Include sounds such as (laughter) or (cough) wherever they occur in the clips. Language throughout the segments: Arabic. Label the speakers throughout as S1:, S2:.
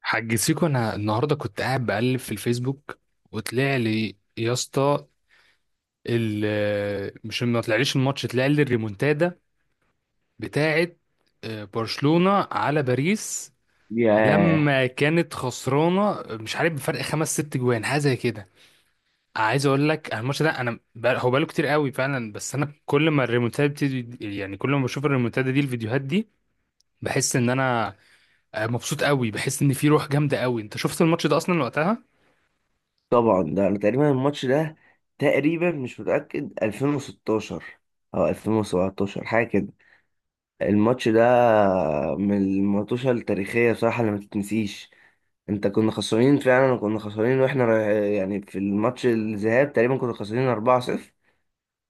S1: حاج سيكو، انا النهارده كنت قاعد بقلب في الفيسبوك وطلع لي يا اسطى، مش ما طلعليش الماتش، طلع لي الريمونتادا بتاعه. برشلونة على باريس
S2: ياه.
S1: لما كانت خسرانة، مش عارف بفرق خمس ست جوان حاجة زي كده. عايز اقول لك أنا الماتش ده انا بقى هو بقاله كتير قوي فعلا، بس انا كل ما الريمونتادا بتدي يعني كل ما بشوف الريمونتادا دي الفيديوهات دي بحس ان انا مبسوط قوي، بحس ان في روح جامدة قوي. انت شفت الماتش ده اصلا وقتها؟
S2: طبعا، ده انا تقريبا الماتش ده، تقريبا مش متأكد، 2016 او 2017، حاجة كده. الماتش ده من الماتشات التاريخية بصراحة اللي ما تتنسيش. انت، كنا خسرانين فعلا كنا خسرانين. يعني في الماتش الذهاب تقريبا كنا خسرانين 4-0.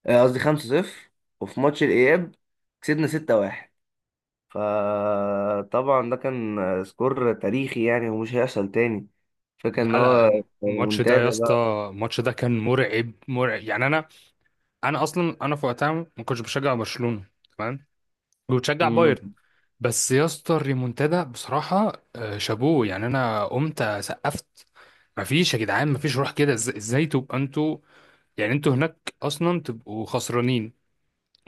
S2: قصدي 5-0. وفي ماتش الإياب كسبنا 6-1. فطبعا ده كان سكور تاريخي، يعني ومش هيحصل تاني. فكان ان
S1: لا لا،
S2: هو
S1: الماتش ده يا
S2: منتدى.
S1: اسطى، الماتش ده كان مرعب مرعب يعني. انا اصلا انا في وقتها ما كنتش بشجع برشلونة، تمام، وبشجع
S2: مم.
S1: بايرن. بس يا اسطى الريمونتادا بصراحة شابوه يعني، انا قمت سقفت. مفيش يا جدعان، مفيش روح كده. ازاي تبقى انتوا يعني انتوا هناك اصلا تبقوا خسرانين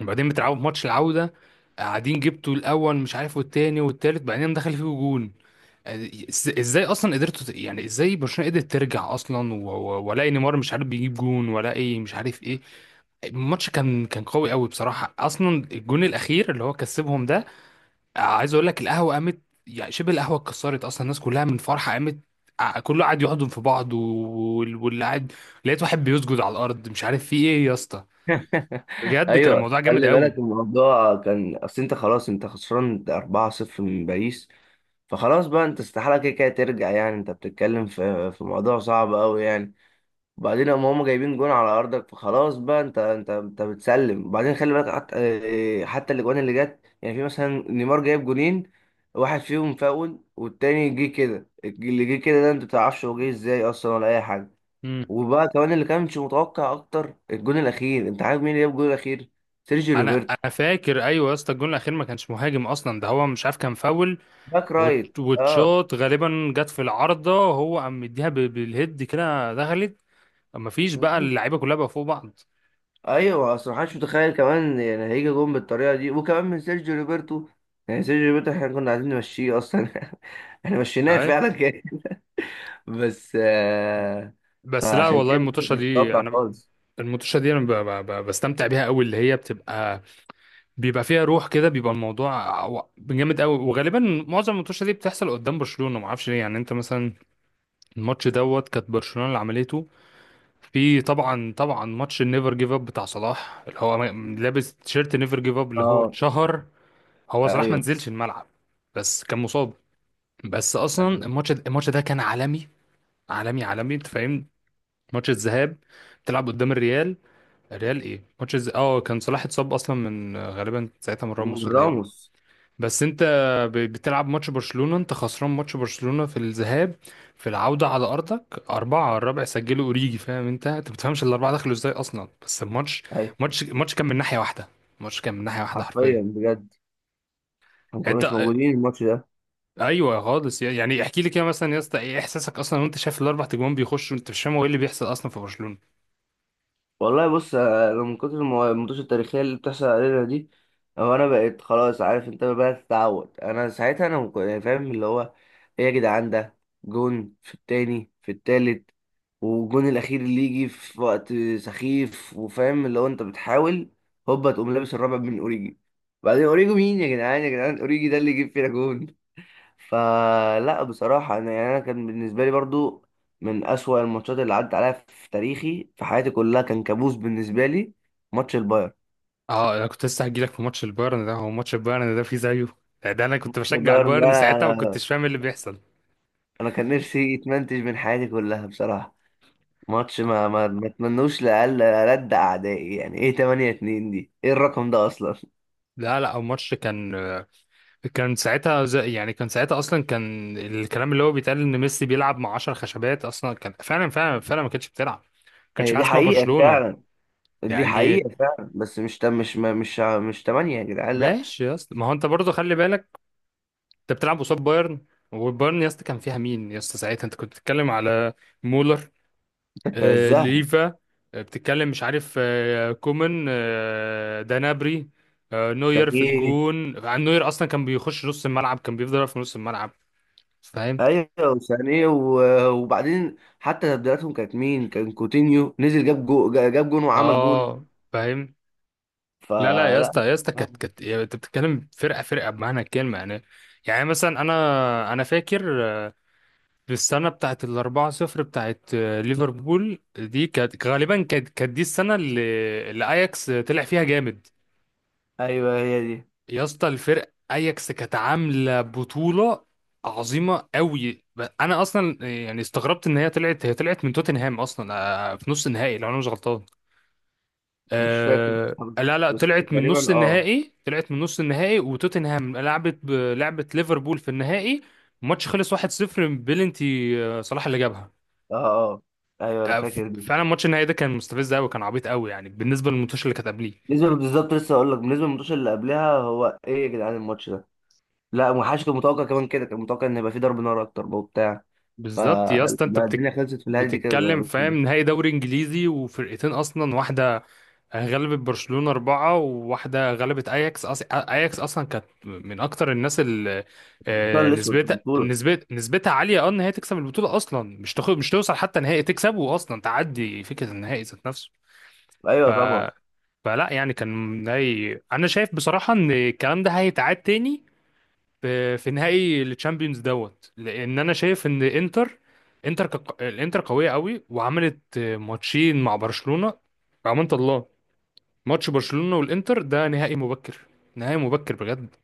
S1: وبعدين بتلعبوا في ماتش العودة قاعدين جبتوا الاول مش عارف والتاني والتالت بعدين دخل فيكوا جون؟ ازاي اصلا قدرتوا يعني ازاي برشلونة قدرت ترجع اصلا ولا نيمار مش عارف بيجيب جون ولا ايه مش عارف ايه؟ الماتش كان قوي قوي بصراحة، اصلا الجون الاخير اللي هو كسبهم ده، عايز اقول لك القهوة قامت، يعني شبه القهوة اتكسرت اصلا، الناس كلها من فرحة قامت. كله قاعد يحضن في بعض واللي قاعد لقيت واحد بيسجد على الارض، مش عارف في ايه يا اسطى.
S2: (laughs)
S1: بجد كان
S2: ايوه،
S1: الموضوع جامد
S2: خلي بالك
S1: قوي.
S2: الموضوع كان، اصل انت خلاص، انت خسران 4-0 من باريس. فخلاص بقى، انت استحاله كده كده ترجع، يعني انت بتتكلم في موضوع صعب قوي يعني. وبعدين هم جايبين جون على ارضك. فخلاص بقى، انت بتسلم. وبعدين خلي بالك حتى، حتى الاجوان اللي جت، يعني في مثلا نيمار جايب جونين، واحد فيهم فاول والتاني جه كده، اللي جه كده ده انت ما بتعرفش هو جه ازاي اصلا، ولا اي.
S1: مم.
S2: وبقى كمان اللي كانش متوقع اكتر، الجون الاخير، انت عارف مين اللي جاب الجون الاخير؟ سيرجيو
S1: انا
S2: روبرتو.
S1: انا فاكر ايوه يا اسطى، الجون الاخير ما كانش مهاجم اصلا ده، هو مش عارف كان فاول
S2: باك رايت، اه.
S1: وتشوت غالبا جت في العارضة، هو قام مديها بالهيد كده دخلت. مفيش بقى،
S2: مم.
S1: اللعيبة كلها بقى فوق بعض.
S2: ايوه، اصل ما حدش متخيل كمان يعني هيجي جون بالطريقه دي، وكمان من سيرجيو روبرتو. يعني سيرجيو روبرتو احنا كنا عايزين نمشيه اصلا. (laughs) احنا مشيناه
S1: اهي.
S2: فعلا كده. (laughs) بس.
S1: بس لا
S2: فعشان
S1: والله،
S2: كده
S1: المطوشة
S2: مش
S1: دي
S2: متوقع
S1: انا
S2: خالص.
S1: المطوشة دي انا بستمتع بيها قوي، اللي هي بتبقى بيبقى فيها روح كده، بيبقى الموضوع جامد قوي. وغالبا معظم المطوشة دي بتحصل قدام برشلونة، ما اعرفش ليه. يعني انت مثلا الماتش دوت كانت برشلونة اللي عملته، في طبعا طبعا ماتش النيفر جيف اب بتاع صلاح، اللي هو لابس تيشيرت نيفر جيف اب اللي هو
S2: اه.
S1: اتشهر. هو صلاح ما
S2: ايوه،
S1: نزلش الملعب، بس كان مصاب. بس اصلا
S2: ايوه.
S1: الماتش ده كان عالمي، عالمي عالمي، انت فاهم؟ ماتش الذهاب بتلعب قدام الريال، الريال ايه، اه كان صلاح اتصاب اصلا من غالبا ساعتها من راموس ولا ايه.
S2: راموس.
S1: بس انت بتلعب ماتش برشلونة، انت خسران ماتش برشلونة في الذهاب، في العودة على ارضك أربعة، الرابع سجله اوريجي، فاهم؟ انت بتفهمش الأربعة دخلوا ازاي اصلا، بس الماتش
S2: ايوه،
S1: ماتش كان من ناحية واحدة، الماتش كان من ناحية واحدة حرفيا.
S2: حرفيا بجد. ما
S1: انت
S2: كناش موجودين الماتش ده.
S1: ايوه خالص، يعني احكي لي كده مثلا يا اسطى ايه احساسك اصلا وانت شايف الاربع تجوان بيخشوا، انت مش فاهم هو ايه اللي بيحصل اصلا في برشلونه.
S2: والله بص، انا من كتر الماتشات التاريخيه اللي بتحصل علينا دي، هو انا بقيت خلاص عارف، انت بقى تتعود. انا ساعتها انا يعني فاهم اللي هو، ايه يا جدعان ده؟ جون في التاني، في التالت، والجون الاخير اللي يجي في وقت سخيف، وفاهم اللي هو انت بتحاول، هوبا تقوم لابس الرابع من اوريجي. بعدين اوريجي مين يا جدعان؟ يا جدعان اوريجي ده اللي يجيب فينا جون؟ فلا بصراحة، أنا يعني أنا كان بالنسبة لي برضو من أسوأ الماتشات اللي عدت عليا في تاريخي، في حياتي كلها، كان كابوس بالنسبة لي. ماتش البايرن.
S1: اه انا كنت لسه هجيلك في ماتش البايرن ده، هو ماتش البايرن ده فيه زيه، ده انا كنت
S2: ماتش
S1: بشجع
S2: البايرن ده،
S1: البايرن ساعتها، ما
S2: أنا
S1: كنتش فاهم إيه اللي بيحصل.
S2: أنا كان نفسي يتمنتج من حياتي كلها بصراحة. ماتش ما اتمنوش لأقل ألد أعدائي. يعني إيه 8-2 دي؟ إيه الرقم ده أصلا؟
S1: لا لا، الماتش كان ساعتها زي يعني، كان ساعتها اصلا كان الكلام اللي هو بيتقال ان ميسي بيلعب مع 10 خشبات اصلا، كان فعلا فعلا فعلا ما كانتش بتلعب، ما كانتش في
S2: هي دي
S1: حاجه اسمها
S2: حقيقة
S1: برشلونه
S2: فعلا. دي
S1: يعني.
S2: حقيقة فعلا، بس مش مش مش 8 يا جدعان، لا.
S1: ماشي يا اسطى، ما هو انت برضه خلي بالك، انت بتلعب قصاد بايرن، وبايرن يا اسطى كان فيها مين يا اسطى ساعتها؟ انت كنت بتتكلم على مولر،
S2: في
S1: آه
S2: عزها.
S1: ليفا، آه بتتكلم مش عارف، آه كومان، آه دانابري، آه نوير في
S2: يعني إيه.
S1: الجون، عن نوير اصلا كان بيخش نص الملعب، كان بيفضل واقف في نص الملعب، فاهم؟
S2: ايوه، وسانيه وبعدين حتى تبديلاتهم كانت مين؟ كان كوتينيو نزل جاب جاب جون وعمل جون.
S1: اه فاهم. لا لا يا
S2: فلا.
S1: اسطى، يا اسطى كانت يعني انت بتتكلم فرقه بمعنى الكلمه يعني. يعني مثلا انا فاكر في السنة بتاعت الأربعة صفر بتاعت ليفربول دي، كانت غالبا كانت دي السنة اللي أياكس طلع فيها جامد.
S2: ايوه، هي دي.
S1: يا اسطى الفرق أياكس كانت عاملة بطولة عظيمة قوي، أنا أصلا يعني استغربت إن هي طلعت، هي طلعت من توتنهام أصلا في نص النهائي لو أنا مش غلطان.
S2: مش فاكر،
S1: أه لا لا،
S2: بس
S1: طلعت من نص
S2: تقريبا اه.
S1: النهائي، طلعت من نص النهائي وتوتنهام لعبت لعبت ليفربول في النهائي، الماتش خلص 1-0 بلنتي صلاح اللي جابها.
S2: اه اه. ايوه، انا فاكر دي.
S1: فعلا ماتش النهائي ده كان مستفز قوي، كان عبيط قوي يعني بالنسبه للماتش اللي كانت قبليه.
S2: بالظبط لسه اقول لك، بالنسبه للماتش اللي قبلها، هو ايه يا جدعان الماتش ده؟ لا، ما حدش كان متوقع كمان كده. كان متوقع ان يبقى فيه ضرب نار اكتر بقى وبتاع.
S1: بالظبط يا اسطى، انت
S2: فالدنيا خلصت في الهادي دي
S1: بتتكلم
S2: كده.
S1: فاهم نهائي دوري انجليزي وفرقتين اصلا، واحده غلبت برشلونه اربعه وواحده غلبت اياكس، اياكس اصلا كانت من اكتر الناس اللي
S2: الحصان الاسود في البطوله.
S1: نسبتها عاليه اه ان هي تكسب البطوله اصلا، مش توصل حتى نهائي، تكسب واصلا تعدي فكره النهائي ذات نفسه. ف...
S2: ايوه طبعا.
S1: فلا يعني كان نهائي، انا شايف بصراحه ان الكلام ده هيتعاد تاني في نهائي الشامبيونز دوت، لان انا شايف ان انتر، الانتر قويه قوي وعملت ماتشين مع برشلونه، امانه الله. ماتش برشلونه والانتر ده نهائي مبكر، نهائي مبكر بجد.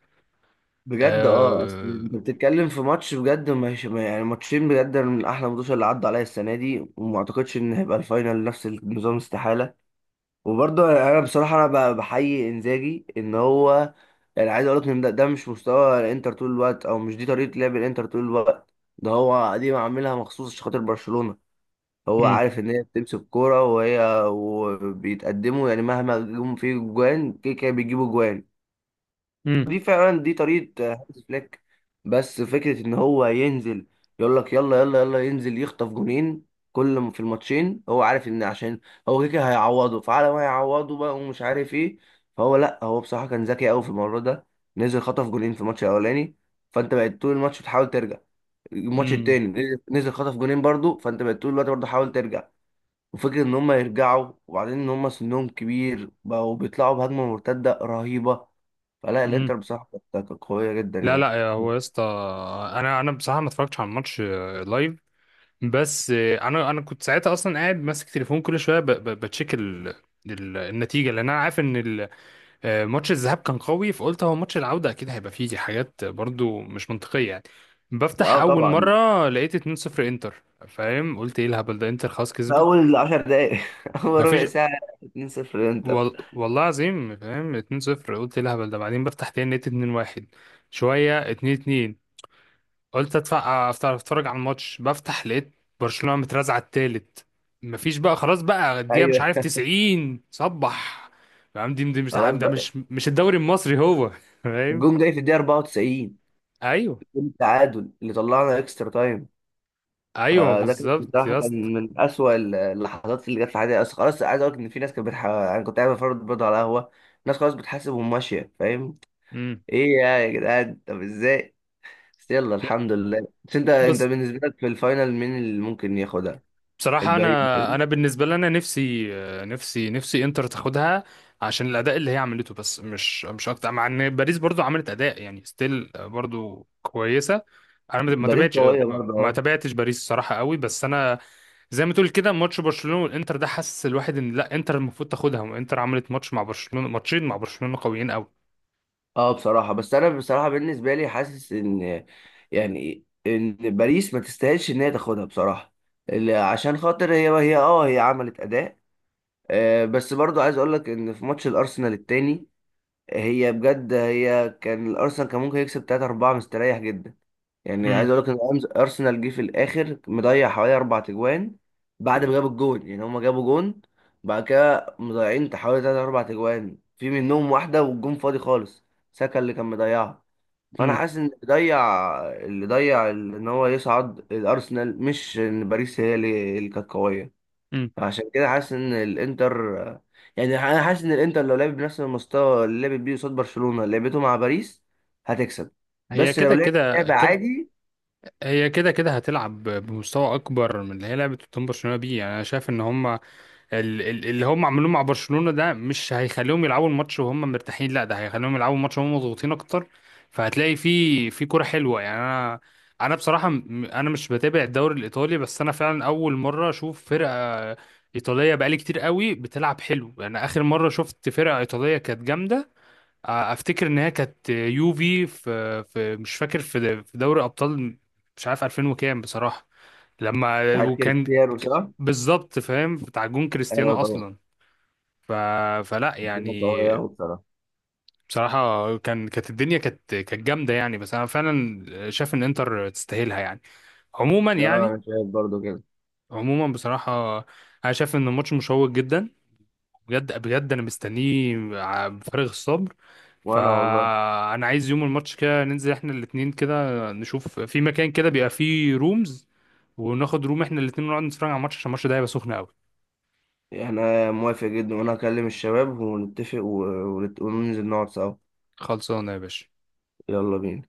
S2: بجد اه، اصل
S1: آه...
S2: انت بتتكلم في ماتش بجد، مش يعني ماتشين بجد من احلى الماتشات اللي عدوا عليا السنه دي. وما اعتقدش ان هيبقى الفاينل نفس النظام، استحاله. وبرضه انا بصراحه انا بحيي انزاجي ان هو، يعني عايز اقول لك ان ده مش مستوى الانتر طول الوقت، او مش دي طريقه لعب الانتر طول الوقت. ده هو دي عاملها مخصوص عشان خاطر برشلونه. هو
S1: مم.
S2: عارف ان هي بتمسك كوره وهي وبيتقدموا، يعني مهما جم فيه جوان كده كده بيجيبوا جوان.
S1: مم.
S2: دي فعلا دي طريقة هانز فليك. بس فكرة ان هو ينزل، يقول لك يلا يلا يلا، ينزل يخطف جونين. في الماتشين هو عارف ان عشان هو كده كده هيعوضه، فعلى ما هيعوضه بقى ومش عارف ايه. فهو، لا هو بصراحة كان ذكي قوي في الموضوع ده. نزل خطف جونين في الماتش الاولاني. فانت بقيت طول الماتش بتحاول ترجع. الماتش
S1: مم.
S2: التاني نزل خطف جونين برضو. فانت بقيت طول الوقت برضو حاول ترجع. وفكرة إن هما يرجعوا، وبعدين إن هما سنهم كبير بقوا بيطلعوا بهجمة مرتدة رهيبة. فلا،
S1: مم.
S2: الإنتر بصراحة كانت قوية جدا
S1: لا
S2: يعني.
S1: لا هو يا اسطى، انا بصراحه ما اتفرجتش على الماتش لايف، بس انا كنت ساعتها اصلا قاعد ماسك تليفون كل شويه بتشيك النتيجه، لان انا عارف ان ماتش الذهاب كان قوي، فقلت هو ماتش العودة أكيد هيبقى فيه حاجات برضو مش منطقية يعني. بفتح
S2: لا
S1: أول
S2: طبعا.
S1: مرة لقيت 2-0 إنتر، فاهم؟ قلت إيه الهبل ده، إنتر خلاص
S2: في
S1: كسبت،
S2: أول عشر دقايق (laughs) أول ربع
S1: مفيش.
S2: ساعة 2-0 الإنتر.
S1: والله العظيم فاهم 2-0، قلت إيه الهبل ده. بعدين بفتح تاني لقيت 2-1، شوية 2-2، قلت أدفع أفتح أتفرج على الماتش، بفتح لقيت برشلونة مترازعة التالت. مفيش بقى، خلاص بقى الدقيقة مش
S2: أيوه،
S1: عارف 90 صبح، يا عم دي مش
S2: خلاص
S1: ده،
S2: بقى.
S1: مش مش الدوري المصري هو، فاهم؟
S2: الجون جاي في الدقيقة 94.
S1: ايوه
S2: الجون التعادل اللي طلعنا إكسترا تايم.
S1: ايوه
S2: فده كان
S1: بالظبط
S2: بصراحة،
S1: يا اسطى.
S2: كان من أسوأ اللحظات اللي جت في حياتي. أصل خلاص عايز أقول لك إن في ناس كانت أنا كنت قاعد بفرج برضه على قهوة، ناس خلاص بتحاسب وماشية. فاهم؟
S1: امم.
S2: إيه يا جدعان؟ طب إزاي؟ بس يلا
S1: لا
S2: الحمد لله. بس انت
S1: بس
S2: بالنسبه لك، في الفاينل مين اللي ممكن ياخدها؟
S1: بصراحه
S2: الباريس،
S1: انا،
S2: باريس.
S1: انا بالنسبه لي انا نفسي، نفسي نفسي انتر تاخدها عشان الاداء اللي هي عملته، بس مش مش اكتر، مع ان باريس برضو عملت اداء يعني ستيل برضو كويسه. انا ما
S2: باريس
S1: تابعتش،
S2: قويه برضه،
S1: ما
S2: اه.
S1: تابعتش باريس الصراحه قوي، بس انا زي ما تقول كده ماتش برشلونه والانتر ده حسس الواحد ان لا انتر المفروض تاخدها، وانتر عملت ماتش مع برشلونه، ماتشين مع برشلونه قويين قوي.
S2: اه بصراحه، بس انا بصراحه بالنسبه لي حاسس ان، يعني ان باريس ما تستاهلش ان هي تاخدها بصراحه. عشان خاطر هي عملت اداء. بس برضه عايز اقول لك ان في ماتش الارسنال التاني، هي بجد كان الارسنال كان ممكن يكسب 3 4 مستريح جدا. يعني عايز
S1: امم.
S2: اقول لك ان ارسنال جه في الاخر مضيع حوالي اربع تجوان، بعد ما جابوا الجون. يعني هما جابوا جون، بعد كده مضيعين حوالي تلات اربع تجوان، في منهم واحده والجون فاضي خالص، ساكا اللي كان مضيعها. فانا
S1: امم.
S2: حاسس ان اللي ضيع، ان هو يصعد الارسنال، مش ان باريس هي اللي كانت قويه.
S1: امم.
S2: عشان كده حاسس ان الانتر يعني انا حاسس ان الانتر لو لعب بنفس المستوى اللي لعبت بيه قصاد برشلونه، لعبته مع باريس، هتكسب.
S1: هي
S2: بس لو
S1: كده
S2: لعبت
S1: كده
S2: لعبه
S1: كده،
S2: عادي.
S1: هي كده كده هتلعب بمستوى اكبر من اللي هي لعبه قدام برشلونه بيه. يعني انا شايف ان هم اللي هم عملوه مع برشلونه ده مش هيخليهم يلعبوا الماتش وهم مرتاحين، لا ده هيخليهم يلعبوا الماتش وهم مضغوطين اكتر، فهتلاقي في كوره حلوه يعني. انا، انا بصراحه انا مش بتابع الدوري الايطالي، بس انا فعلا اول مره اشوف فرقه ايطاليه بقالي كتير قوي بتلعب حلو. يعني اخر مره شفت فرقه ايطاليه كانت جامده، افتكر ان هي كانت يوفي في مش فاكر في دوري ابطال، مش عارف 2000 وكام بصراحه، لما
S2: بتاعت
S1: وكان
S2: كريستيانو،
S1: ك-
S2: صح؟
S1: بالظبط فاهم بتاع جون كريستيانو
S2: ايوه طبعا.
S1: اصلا. ف فلا
S2: الدنيا
S1: يعني،
S2: قوية أوي بصراحة.
S1: بصراحه كان الدنيا كانت جامده يعني، بس انا فعلا شايف ان انتر تستاهلها يعني، عموما
S2: لا
S1: يعني.
S2: أنا شايف برضو كده.
S1: عموما بصراحه انا شايف ان الماتش مشوق جدا، بجد بجد انا مستنيه بفارغ الصبر.
S2: وأنا والله.
S1: فانا عايز يوم الماتش كده ننزل احنا الاتنين كده، نشوف في مكان كده بيبقى فيه رومز، وناخد روم احنا الاتنين ونقعد نتفرج على الماتش، عشان الماتش ده هيبقى سخن قوي.
S2: احنا موافق جدا، وأنا هكلم الشباب ونتفق وننزل نقعد سوا.
S1: خلصانه يا باشا.
S2: يلا بينا.